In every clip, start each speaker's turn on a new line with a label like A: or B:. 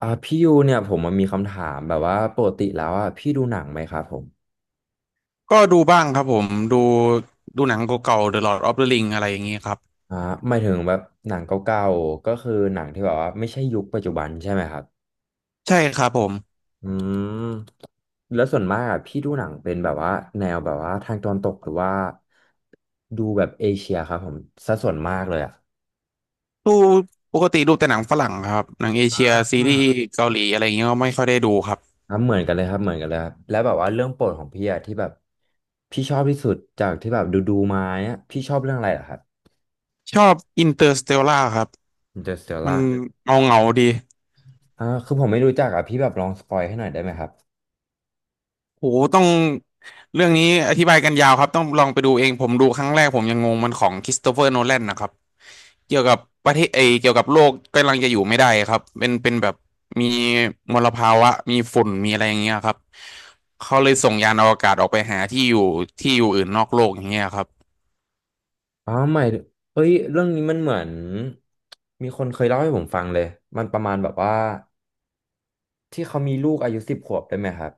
A: พี่ยูเนี่ยผมมันมีคำถามแบบว่าปกติแล้วอ่ะพี่ดูหนังไหมครับผม
B: ก็ดูบ้างครับผมดูดูหนังเก่าๆ The Lord of the Ring อะไรอย่างนี้ครับ
A: อ่าหมายถึงแบบหนังเก่าๆก็คือหนังที่แบบว่าไม่ใช่ยุคปัจจุบันใช่ไหมครับ
B: ใช่ครับผม
A: อืมแล้วส่วนมากอ่ะพี่ดูหนังเป็นแบบว่าแนวแบบว่าทางตะวันตกหรือว่าดูแบบเอเชียครับผมสัดส่วนมากเลยอ่ะ
B: ดูปกติดูแต่หนังฝรั่งครับหนังเอเชียซีรีส์
A: อ่า
B: เกาหลีอะไรอย่างเงี้ยก็ไม่ค่อยได้ดูครับ
A: ครับเหมือนกันเลยครับเหมือนกันเลยครับแล้วแบบว่าเรื่องโปรดของพี่อ่ะที่แบบพี่ชอบที่สุดจากที่แบบดูๆมาเนี่ยพี่ชอบเรื่องอะไรเหรอครับ
B: ชอบ Interstellar ครับมัน
A: Interstellar
B: เงาดี
A: คือผมไม่รู้จักอ่ะพี่แบบลองสปอยให้หน่อยได้ไหมครับ
B: โหต้องเรื่องนี้อธิบายกันยาวครับ ต้องลองไปดูเอง ผมดูครั้งแรกผมยังงงมันของคริสโตเฟอร์โนแลนนะครับ เกี่ยวกับประเทศเอยเกี่ยวกับโลกกำลังจะอยู่ไม่ได้ครับ เป็นแบบมีมลภาวะ มีฝุ่นมีอะไรอย่างเงี้ยครับ เขาเลยส่งยานอวกาศออกไปหาที่อยู่อื่นนอกโลกอย่างเงี้ยครับ
A: อ๋อไม่เอ้ยเรื่องนี้มันเหมือนมีคนเคยเล่าให้ผมฟังเลยมันประมาณแบบว่าที่เขามีลูกอายุสิบขวบได้ไหมครับ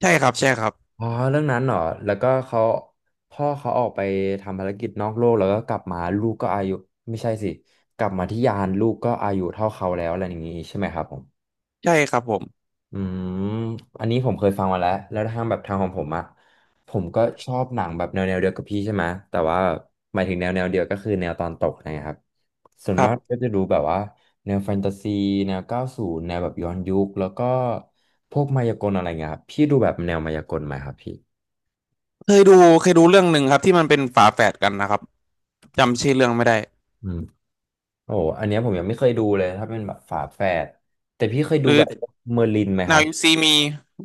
B: ใช่ครับใช่ครับ
A: อ๋อเรื่องนั้นเหรอแล้วก็เขาพ่อเขาออกไปทำภารกิจนอกโลกแล้วก็กลับมาลูกก็อายุไม่ใช่สิกลับมาที่ยานลูกก็อายุเท่าเขาแล้วอะไรอย่างงี้ใช่ไหมครับผม
B: ใช่ครับผม
A: อืมอันนี้ผมเคยฟังมาแล้วแล้วทางแบบทางของผมอะผมก็ชอบหนังแบบแนวเดียวกับพี่ใช่ไหมแต่ว่าหมายถึงแนวเดียวก็คือแนวตอนตกนะครับส่วน
B: ครั
A: มากก็
B: บ
A: จะดูแบบว่าแนวแฟนตาซีแนวเก้าสูนแนวแบบย้อนยุคแล้วก็พวกมายากลอะไรเงี้ยครับพี่ดูแบบแนวมายากลไหมครับพี่
B: เคยดูเรื่องหนึ่งครับที่มันเป็นฝาแฝดกันนะครับจำชื่อเรื่องไม่ได้
A: อืมโอ้โหอันเนี้ยผมยังไม่เคยดูเลยถ้าเป็นแบบฝาแฝดแต่พี่เคย
B: ห
A: ดู
B: รือ
A: แบบเมอร์ลินไหมค
B: Now
A: รับ
B: You See Me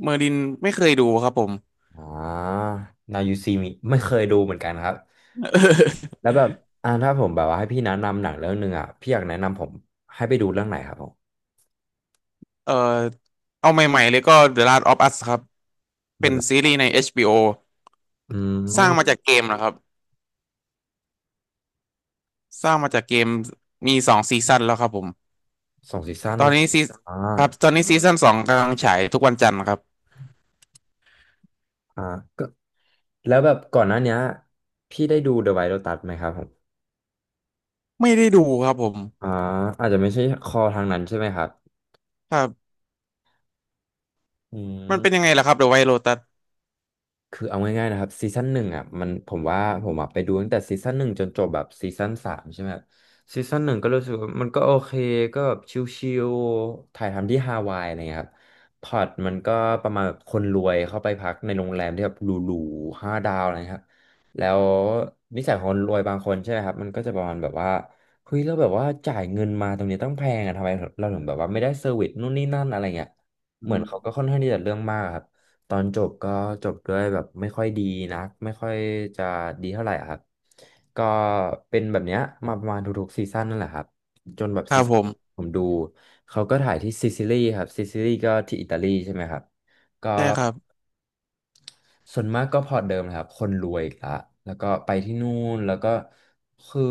B: เมอร์ลินไม่เคยดูครับผม
A: อ่า Now You See Me ไม่เคยดูเหมือนกันครับ แล้วแบบถ้าผมแบบว่าให้พี่แนะนำหนังเรื่องหนึ่งอ่ะพี่อยากแนะนำผมให้ไปดูเรื่องไหนครับผม
B: เออเอาใหม่ๆเลยก็ The Last of Us ครับ
A: เดื
B: เป็
A: อน
B: น
A: ละ
B: ซีรีส์ใน HBO
A: อื
B: สร้างมา
A: ม
B: จากเกมนะครับสร้างมาจากเกมมีสองซีซั่นแล้วครับผม
A: สองซีซั่น
B: ตอ
A: เหร
B: น
A: อ
B: นี้ซี
A: อ่า
B: ครับตอนนี้ซีซั่นสองกำลังฉายทุกวันจันทร์ครับ
A: อ่าก็แล้วแบบก่อนหน้าเนี้ยพี่ได้ดู The White Lotus ไหมครับผม
B: ไม่ได้ดูครับผม
A: อ่าอาจจะไม่ใช่คอทางนั้นใช่ไหมครับ
B: ครับ
A: อื
B: มันเป็นยัง
A: ม
B: ไงล่ะครับ The White Lotus
A: คือเอาง่ายๆนะครับซีซั่นหนึ่งอ่ะมันผมว่าผมอ่ะไปดูตั้งแต่ซีซั่นหนึ่งจนจบแบบซีซั่นสามใช่ไหมครับซีซั่นหนึ่งก็รู้สึกว่ามันก็โอเคก็แบบชิลๆถ่ายทำที่ฮาวายอะไรเงี้ยครับพล็อตมันก็ประมาณแบบคนรวยเข้าไปพักในโรงแรมที่แบบหรูๆห้าดาวอะไรครับแล้วนิสัยของคนรวยบางคนใช่ไหมครับมันก็จะประมาณแบบว่าเฮ้ยเราแล้วแบบว่าจ่ายเงินมาตรงนี้ต้องแพงอะทำไมเราถึงแบบว่าไม่ได้เซอร์วิสนู่นนี่นั่นอะไรเงี้ย
B: อื
A: เหมือนเขา
B: ม
A: ก็ค่อนข้างที่จะเรื่องมากอะครับ ตอนจบก็จบด้วยแบบไม่ค่อยดีนักไม่ค่อยจะดีเท่าไหร่อะครับ ก็เป็นแบบเนี้ยมาประมาณทุกๆซีซั่นนั่นแหละครับ จนแบบ
B: ค
A: ซี
B: รับ
A: ซั่
B: ผ
A: น
B: ม
A: ผมดูเขาก็ถ่ายที่ซิซิลีครับซิซิลีก็ที่อิตาลีใช่ไหมครับ
B: ใช่ครับ
A: ส่วนมากก็พอร์ตเดิมนะครับคนรวยอีกละแล้วก็ไปที่นู่นแล้วก็คือ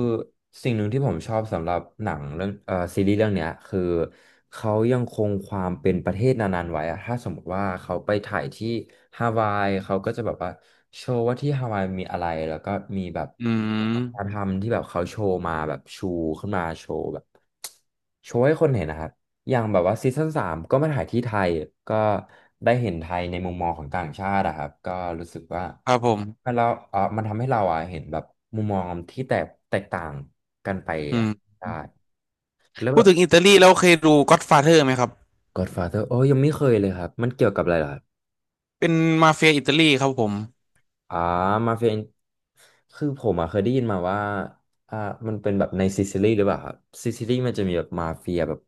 A: สิ่งหนึ่งที่ผมชอบสำหรับหนังเรื่องซีรีส์เรื่องเนี้ยคือเขายังคงความเป็นประเทศนานๆไว้อะถ้าสมมติว่าเขาไปถ่ายที่ฮาวายเขาก็จะแบบว่าโชว์ว่าที่ฮาวายมีอะไรแล้วก็มีแบบ
B: อื
A: การ
B: ม
A: ทำที่แบบเขาโชว์มาแบบชูขึ้นมาโชว์แบบโชว์ให้คนเห็นนะครับ อย่างแบบว่าซีซั่นสามก็มาถ่ายที่ไทยก็ได้เห็นไทยในมุมมองของต่างชาติอะครับก็รู้สึกว่า
B: ครับผม
A: มันเราเออมันทำให้เราอะเห็นแบบมุมมองที่แตกต่างกันไป
B: อื
A: อะ
B: ม
A: ได้แล้ว
B: พู
A: แบ
B: ด
A: บ
B: ถึงอิตาลีแล้วเคยดู Godfather ไหมครับ
A: Godfather โอ้ยยังไม่เคยเลยครับมันเกี่ยวกับอะไรเหรอครับ
B: เป็นมาเฟียอิตาลีครับผม
A: อ่ามาเฟียคือผมอะเคยได้ยินมาว่าอ่ามันเป็นแบบในซิซิลีหรือเปล่าครับซิซิลีมันจะมีแบบมาเฟียแบบ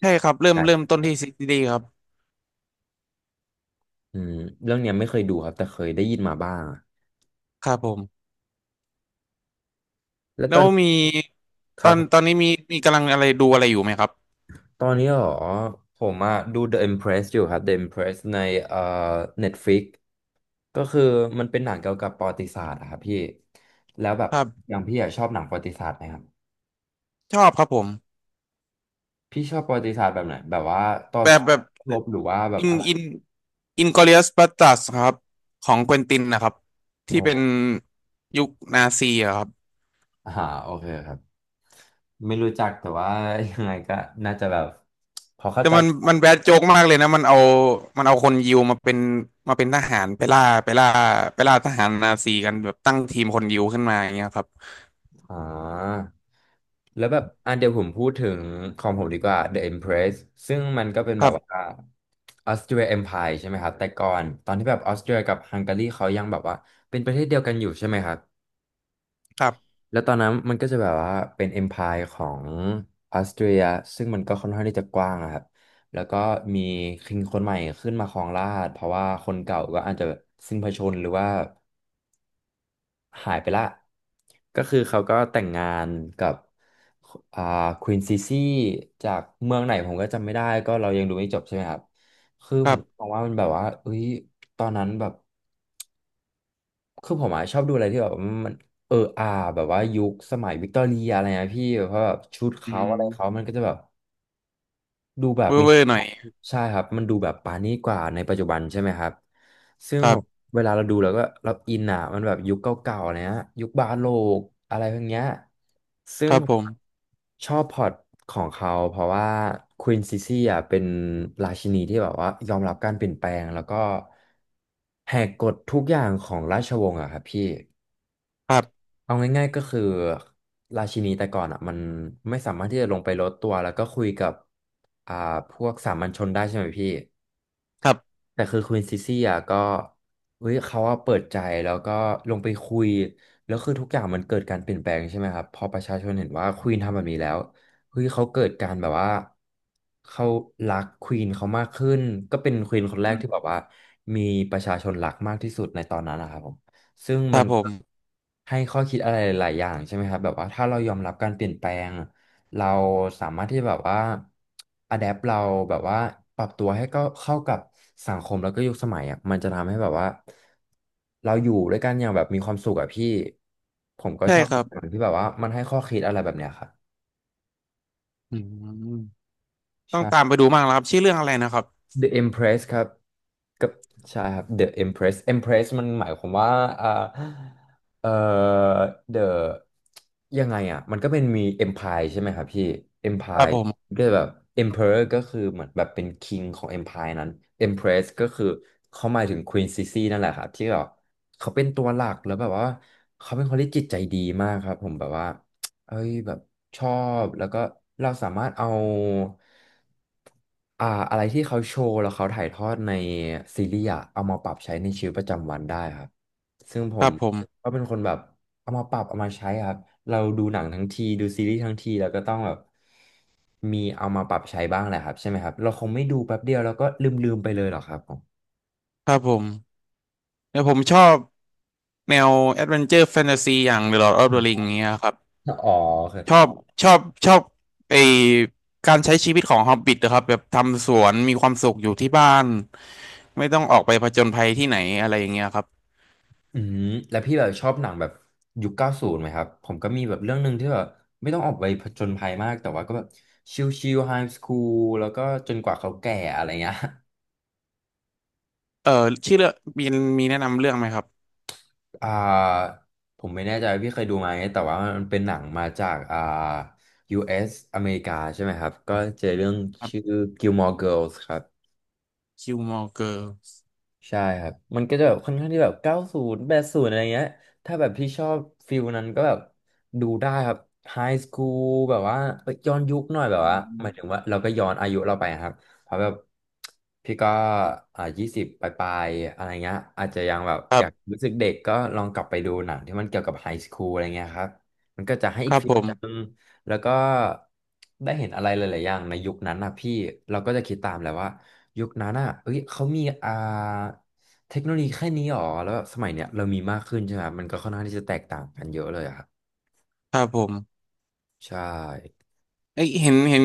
B: ใช่ครับเริ่
A: ให
B: ม
A: ญ
B: เริ่ม
A: ่
B: ต้นที่ซีรีส์ครับ
A: อืมเรื่องเนี้ยไม่เคยดูครับแต่เคยได้ยินมาบ้าง
B: ครับผม
A: แล้ว
B: แล้
A: ตอ
B: ว
A: น
B: มี
A: ค
B: ต
A: ร
B: อนตอ
A: ับ
B: นนี้มีมีกำลังอะไรดูอะไรอยู่ไหมครับ
A: ตอนนี้เหรอผมอะดู The Empress อยู่ครับ The Empress ในเอ่อ Netflix ก็คือมันเป็นหนังเกี่ยวกับประวัติศาสตร์อะครับพี่แล้วแบบ
B: ครับ
A: อย่างพี่อะชอบหนังประวัติศาสตร์ไหมครับ
B: ชอบครับผม
A: พี่ชอบประวัติศาสตร์แบบไหนแบบว่าต่อ
B: แบบ
A: สู้
B: แบบ
A: รบหรือว่าแบบ
B: อิน
A: อะไร
B: อินอินกลอริอัสบัสตัสครับของเควินตินนะครับที่
A: โอ้
B: เป็นยุคนาซีอะครับ
A: อ่าโอเคครับไม่รู้จักแต่ว่ายังไงก็น่าจะแบบพอเข้า
B: แต่
A: ใจ
B: มันแบดโจ๊กมากเลยนะมันเอาคนยิวมาเป็นมาเป็นทหารไปล่าทหารนาซีกันแบบตั้งทีมคนยิวขึ้นมาอย่างเงี้ยครับ
A: อ่าแล้วแบบอ่ะเดี๋ยวผมพูดถึงของผมดีกว่า The Empress ซึ่งมันก็เป็น
B: ค
A: แบ
B: รั
A: บ
B: บ
A: ว่าออสเตรีย Empire ใช่ไหมครับ แต่ก่อนตอนที่แบบออสเตรียกับฮังการีเขายังแบบว่าเป็นประเทศเดียวกันอยู่ใช่ไหมครับ
B: ครับ
A: แล้วตอนนั้นมันก็จะแบบว่าเป็น Empire ของออสเตรียซึ่งมันก็ค่อนข้างที่จะกว้างอะครับ แล้วก็มีคิงคนใหม่ขึ้นมาครองราชย์เพราะว่าคนเก่าก็อาจจะสิ้นพระชนม์หรือว่า หายไปละก็คือเขาก็แต่งงานกับอ่าควีนซีซี่จากเมืองไหนผมก็จำไม่ได้ก็เรายังดูไม่จบใช่ไหมครับคือ
B: ค
A: ผ
B: รั
A: ม
B: บ
A: มองว่ามันแบบว่าเอ้ยตอนนั้นแบบคือผมอะชอบดูอะไรที่แบบมันเอออาแบบว่ายุคสมัยวิกตอเรียอะไรนะพี่เพราะแบบชุด
B: อื
A: เขาอะไรเขา
B: ม
A: มันก็จะแบบ ดูแบบ
B: เว่อ
A: มี
B: ร์ๆหน่อย
A: ใช่ครับ มันดูแบบปานี้กว่าในปัจจุบันใช่ไหมครับ ซึ่ง
B: ครั
A: ผม
B: บ
A: เวลาเราดูแล้วก็เราอินอ่ะ มันแบบยุคเก่าๆเนี้ยยุคบาโลกอะไรพวกเนี้ยซึ่
B: ค
A: ง
B: รับ
A: ผ
B: ผ
A: ม
B: ม
A: ชอบพล็อตของเขาเพราะว่าควีนซิซี่อ่ะเป็นราชินีที่แบบว่ายอมรับการเปลี่ยนแปลงแล้วก็แหกกฎทุกอย่างของราชวงศ์อ่ะครับพี่
B: ครับ
A: เอาง่ายๆก็คือราชินีแต่ก่อนอ่ะมันไม่สามารถที่จะลงไปลดตัวแล้วก็คุยกับอ่าพวกสามัญชนได้ใช่ไหมพี่
B: ครับ
A: แต่คือควีนซิซี่อ่ะก็เฮ้ยเขาอ่ะเปิดใจแล้วก็ลงไปคุยแล้วคือทุกอย่างมันเกิดการเปลี่ยนแปลงใช่ไหมครับพอประชาชนเห็นว่าควีนทำแบบนี้แล้วเฮ้ยเขาเกิดการแบบว่าเขารักควีนเขามากขึ้นก็เป็นควีนคนแร
B: อื
A: กที่แบ
B: ม
A: บว่ามีประชาชนรักมากที่สุดในตอนนั้นนะครับผม ซึ่ง
B: ค
A: มั
B: รับ
A: น
B: ผ
A: ก็
B: ม
A: ให้ข้อคิดอะไรหลายๆอย่างใช่ไหมครับแบบว่าถ้าเรายอมรับการเปลี่ยนแปลงเราสามารถที่แบบว่าอะแดปเราแบบว่าปรับตัวให้ก็เข้ากับสังคมแล้วก็ยุคสมัยอ่ะมันจะทำให้แบบว่าเราอยู่ด้วยกันอย่างแบบมีความสุขอะพี่ผมก็
B: ใช่
A: ชอบ
B: ครับ
A: หนังที่แบบว่ามันให้ข้อคิดอะไรแบบเนี้ยครับ
B: อืมต้อง
A: ใช่
B: ตามไปดูมากแล้วครับชื่อเรื่องอะไรนะครับ
A: The Empress ครับกับใช่ครับ The Empress Empress มันหมายความว่าอ่าเอ่อ The ยังไงอ่ะมันก็เป็นมี Empire ใช่ไหมครับพี่
B: ครับ
A: Empire
B: ผม
A: ก็แบบ Emperor ก็คือเหมือนแบบเป็น King ของ Empire นั้น Empress ก็คือเขาหมายถึง Queen Sisi นั่นแหละครับที่แบบเขาเป็นตัวหลักแล้วแบบว่าเขาเป็นคนที่จิตใจดีมากครับผมแบบว่า เอ้ยแบบชอบแล้วก็เราสามารถเอาอะไรที่เขาโชว์แล้วเขาถ่ายทอดในซีรีส์อะเอามาปรับใช้ในชีวิตประจำวันได้ครับซึ่งผ
B: ครั
A: ม
B: บผม
A: ก็เป็นคนแบบเอามาปรับเอามาใช้ครับเราดูหนังทั้งทีดูซีรีส์ทั้งทีแล้วก็ต้องแบบมีเอามาปรับใช้บ้างแหละครับใช่ไหมครับเราคงไม่ดูแป๊บเดียวแล้วก็ลืมๆไปเลยหรอกครับผม
B: ครับผมแล้วผมชอบแนวแอดเวนเจอร์แฟนตาซีอย่าง The Lord of the Ring เงี้ยครับ
A: อ๋อโอเค
B: ชอบชอบชอบไอการใช้ชีวิตของฮอบบิ t นะครับแบบทำสวนมีความสุขอยู่ที่บ้านไม่ต้องออกไปผจญภัยที่ไหนอะไรอย่างเงี้ยครับ
A: อืมแล้วพี่แบบชอบหนังแบบยุคเก้าศูนย์ไหมครับผมก็มีแบบเรื่องหนึ่งที่แบบไม่ต้องออกไปผจญภัยมากแต่ว่าก็แบบชิลๆไฮสคูลแล้วก็จนกว่าเขาแก่อะไรเงี้ย
B: เออชื่อเรื่องมีมีแนะนำเรื่องไหมครับ
A: อ่าผมไม่แน่ใจว่าพี่เคยดูไหมแต่ว่ามันเป็นหนังมาจากUS อสอเมริกาใช่ไหมครับก็เจอเรื่อง
B: ครั
A: ชื่อ
B: บ
A: Gilmore Girls ครับ
B: คิวมอเกอร์
A: ใช่ครับมันก็จะแบบค่อนข้างที่แบบ90 80อะไรเงี้ยถ้าแบบพี่ชอบฟิลนั้นก็แบบดูได้ครับไฮสคูลแบบว่าเอ้ยย้อนยุคหน่อยแบบว่าหมายถึงว่าเราก็ย้อนอายุเราไปครับเพราะแบบพี่ก็20 ปลายๆอะไรเงี้ยอาจจะยังแบบอยากรู้สึกเด็กก็ลองกลับไปดูหนังที่มันเกี่ยวกับไฮสคูลอะไรเงี้ยครับมันก็จะให้
B: ค
A: อีก
B: รับ
A: ฟิ
B: ผ
A: ลนึง
B: ม
A: แล้วก็ได้เห็นอะไรหลายๆอย่างในยุคนั้นนะพี่เราก็จะคิดตามแหละว่า ยุคนั้นอ่ะเอ้ยเขามีเทคโนโลยีแค่นี้หรอแล้วแบบสมัยเนี้ยเรามีมากขึ้นใช่ไหม มันก็ค่อนข้างที่จะแตกต่างกันเยอะเลยอะครับ
B: ครับผม
A: ใช่
B: เอ้ยเห็น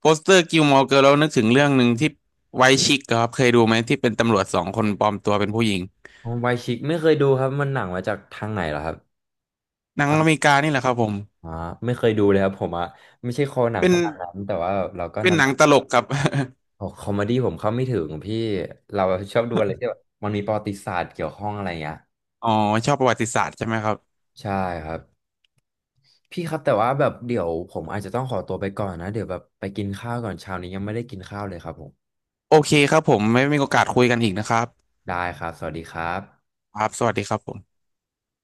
B: โปสเตอร์กิลมอร์เกิร์ลแล้วนึกถึงเรื่องหนึ่งที่ไวท์ชิคครับเคยดูไหมที่เป็นตำรวจสองคนปลอมตัวเป็นผู้หญิง
A: ไวชิกไม่เคยดูครับมันหนังมาจากทางไหนเหรอครับ
B: หนังอเมริกานี่แหละครับผม
A: อ่าไม่เคยดูเลยครับผมอ่ะไม่ใช่คอหนัง
B: เป็น
A: ขนาดนั้นแต่ว่าเราก็
B: เป็น
A: นาน
B: หนังตลกครับ
A: ๆโอ้คอมเมดี้ผมเข้าไม่ถึงพี่ เราชอบดูอะไรที่แบบมันมีประวัติศาสตร์เกี่ยวข้องอะไรเงี้ย
B: อ๋อชอบประวัติศาสตร์ใช่ไหมครับ
A: ใช่ครับ พี่ครับแต่ว่าแบบเดี๋ยวผมอาจจะต้องขอตัวไปก่อนนะเดี๋ยวแบบไปกินข้าวก่อนเช้านี้ยังไม่ได้กินข้าวเลยครับผม
B: โอเคครับผมไม่มีโอกาสคุยกันอีกนะครับ
A: ได้ครับ สวัสดีครับ
B: ครับสวัสดีครับผม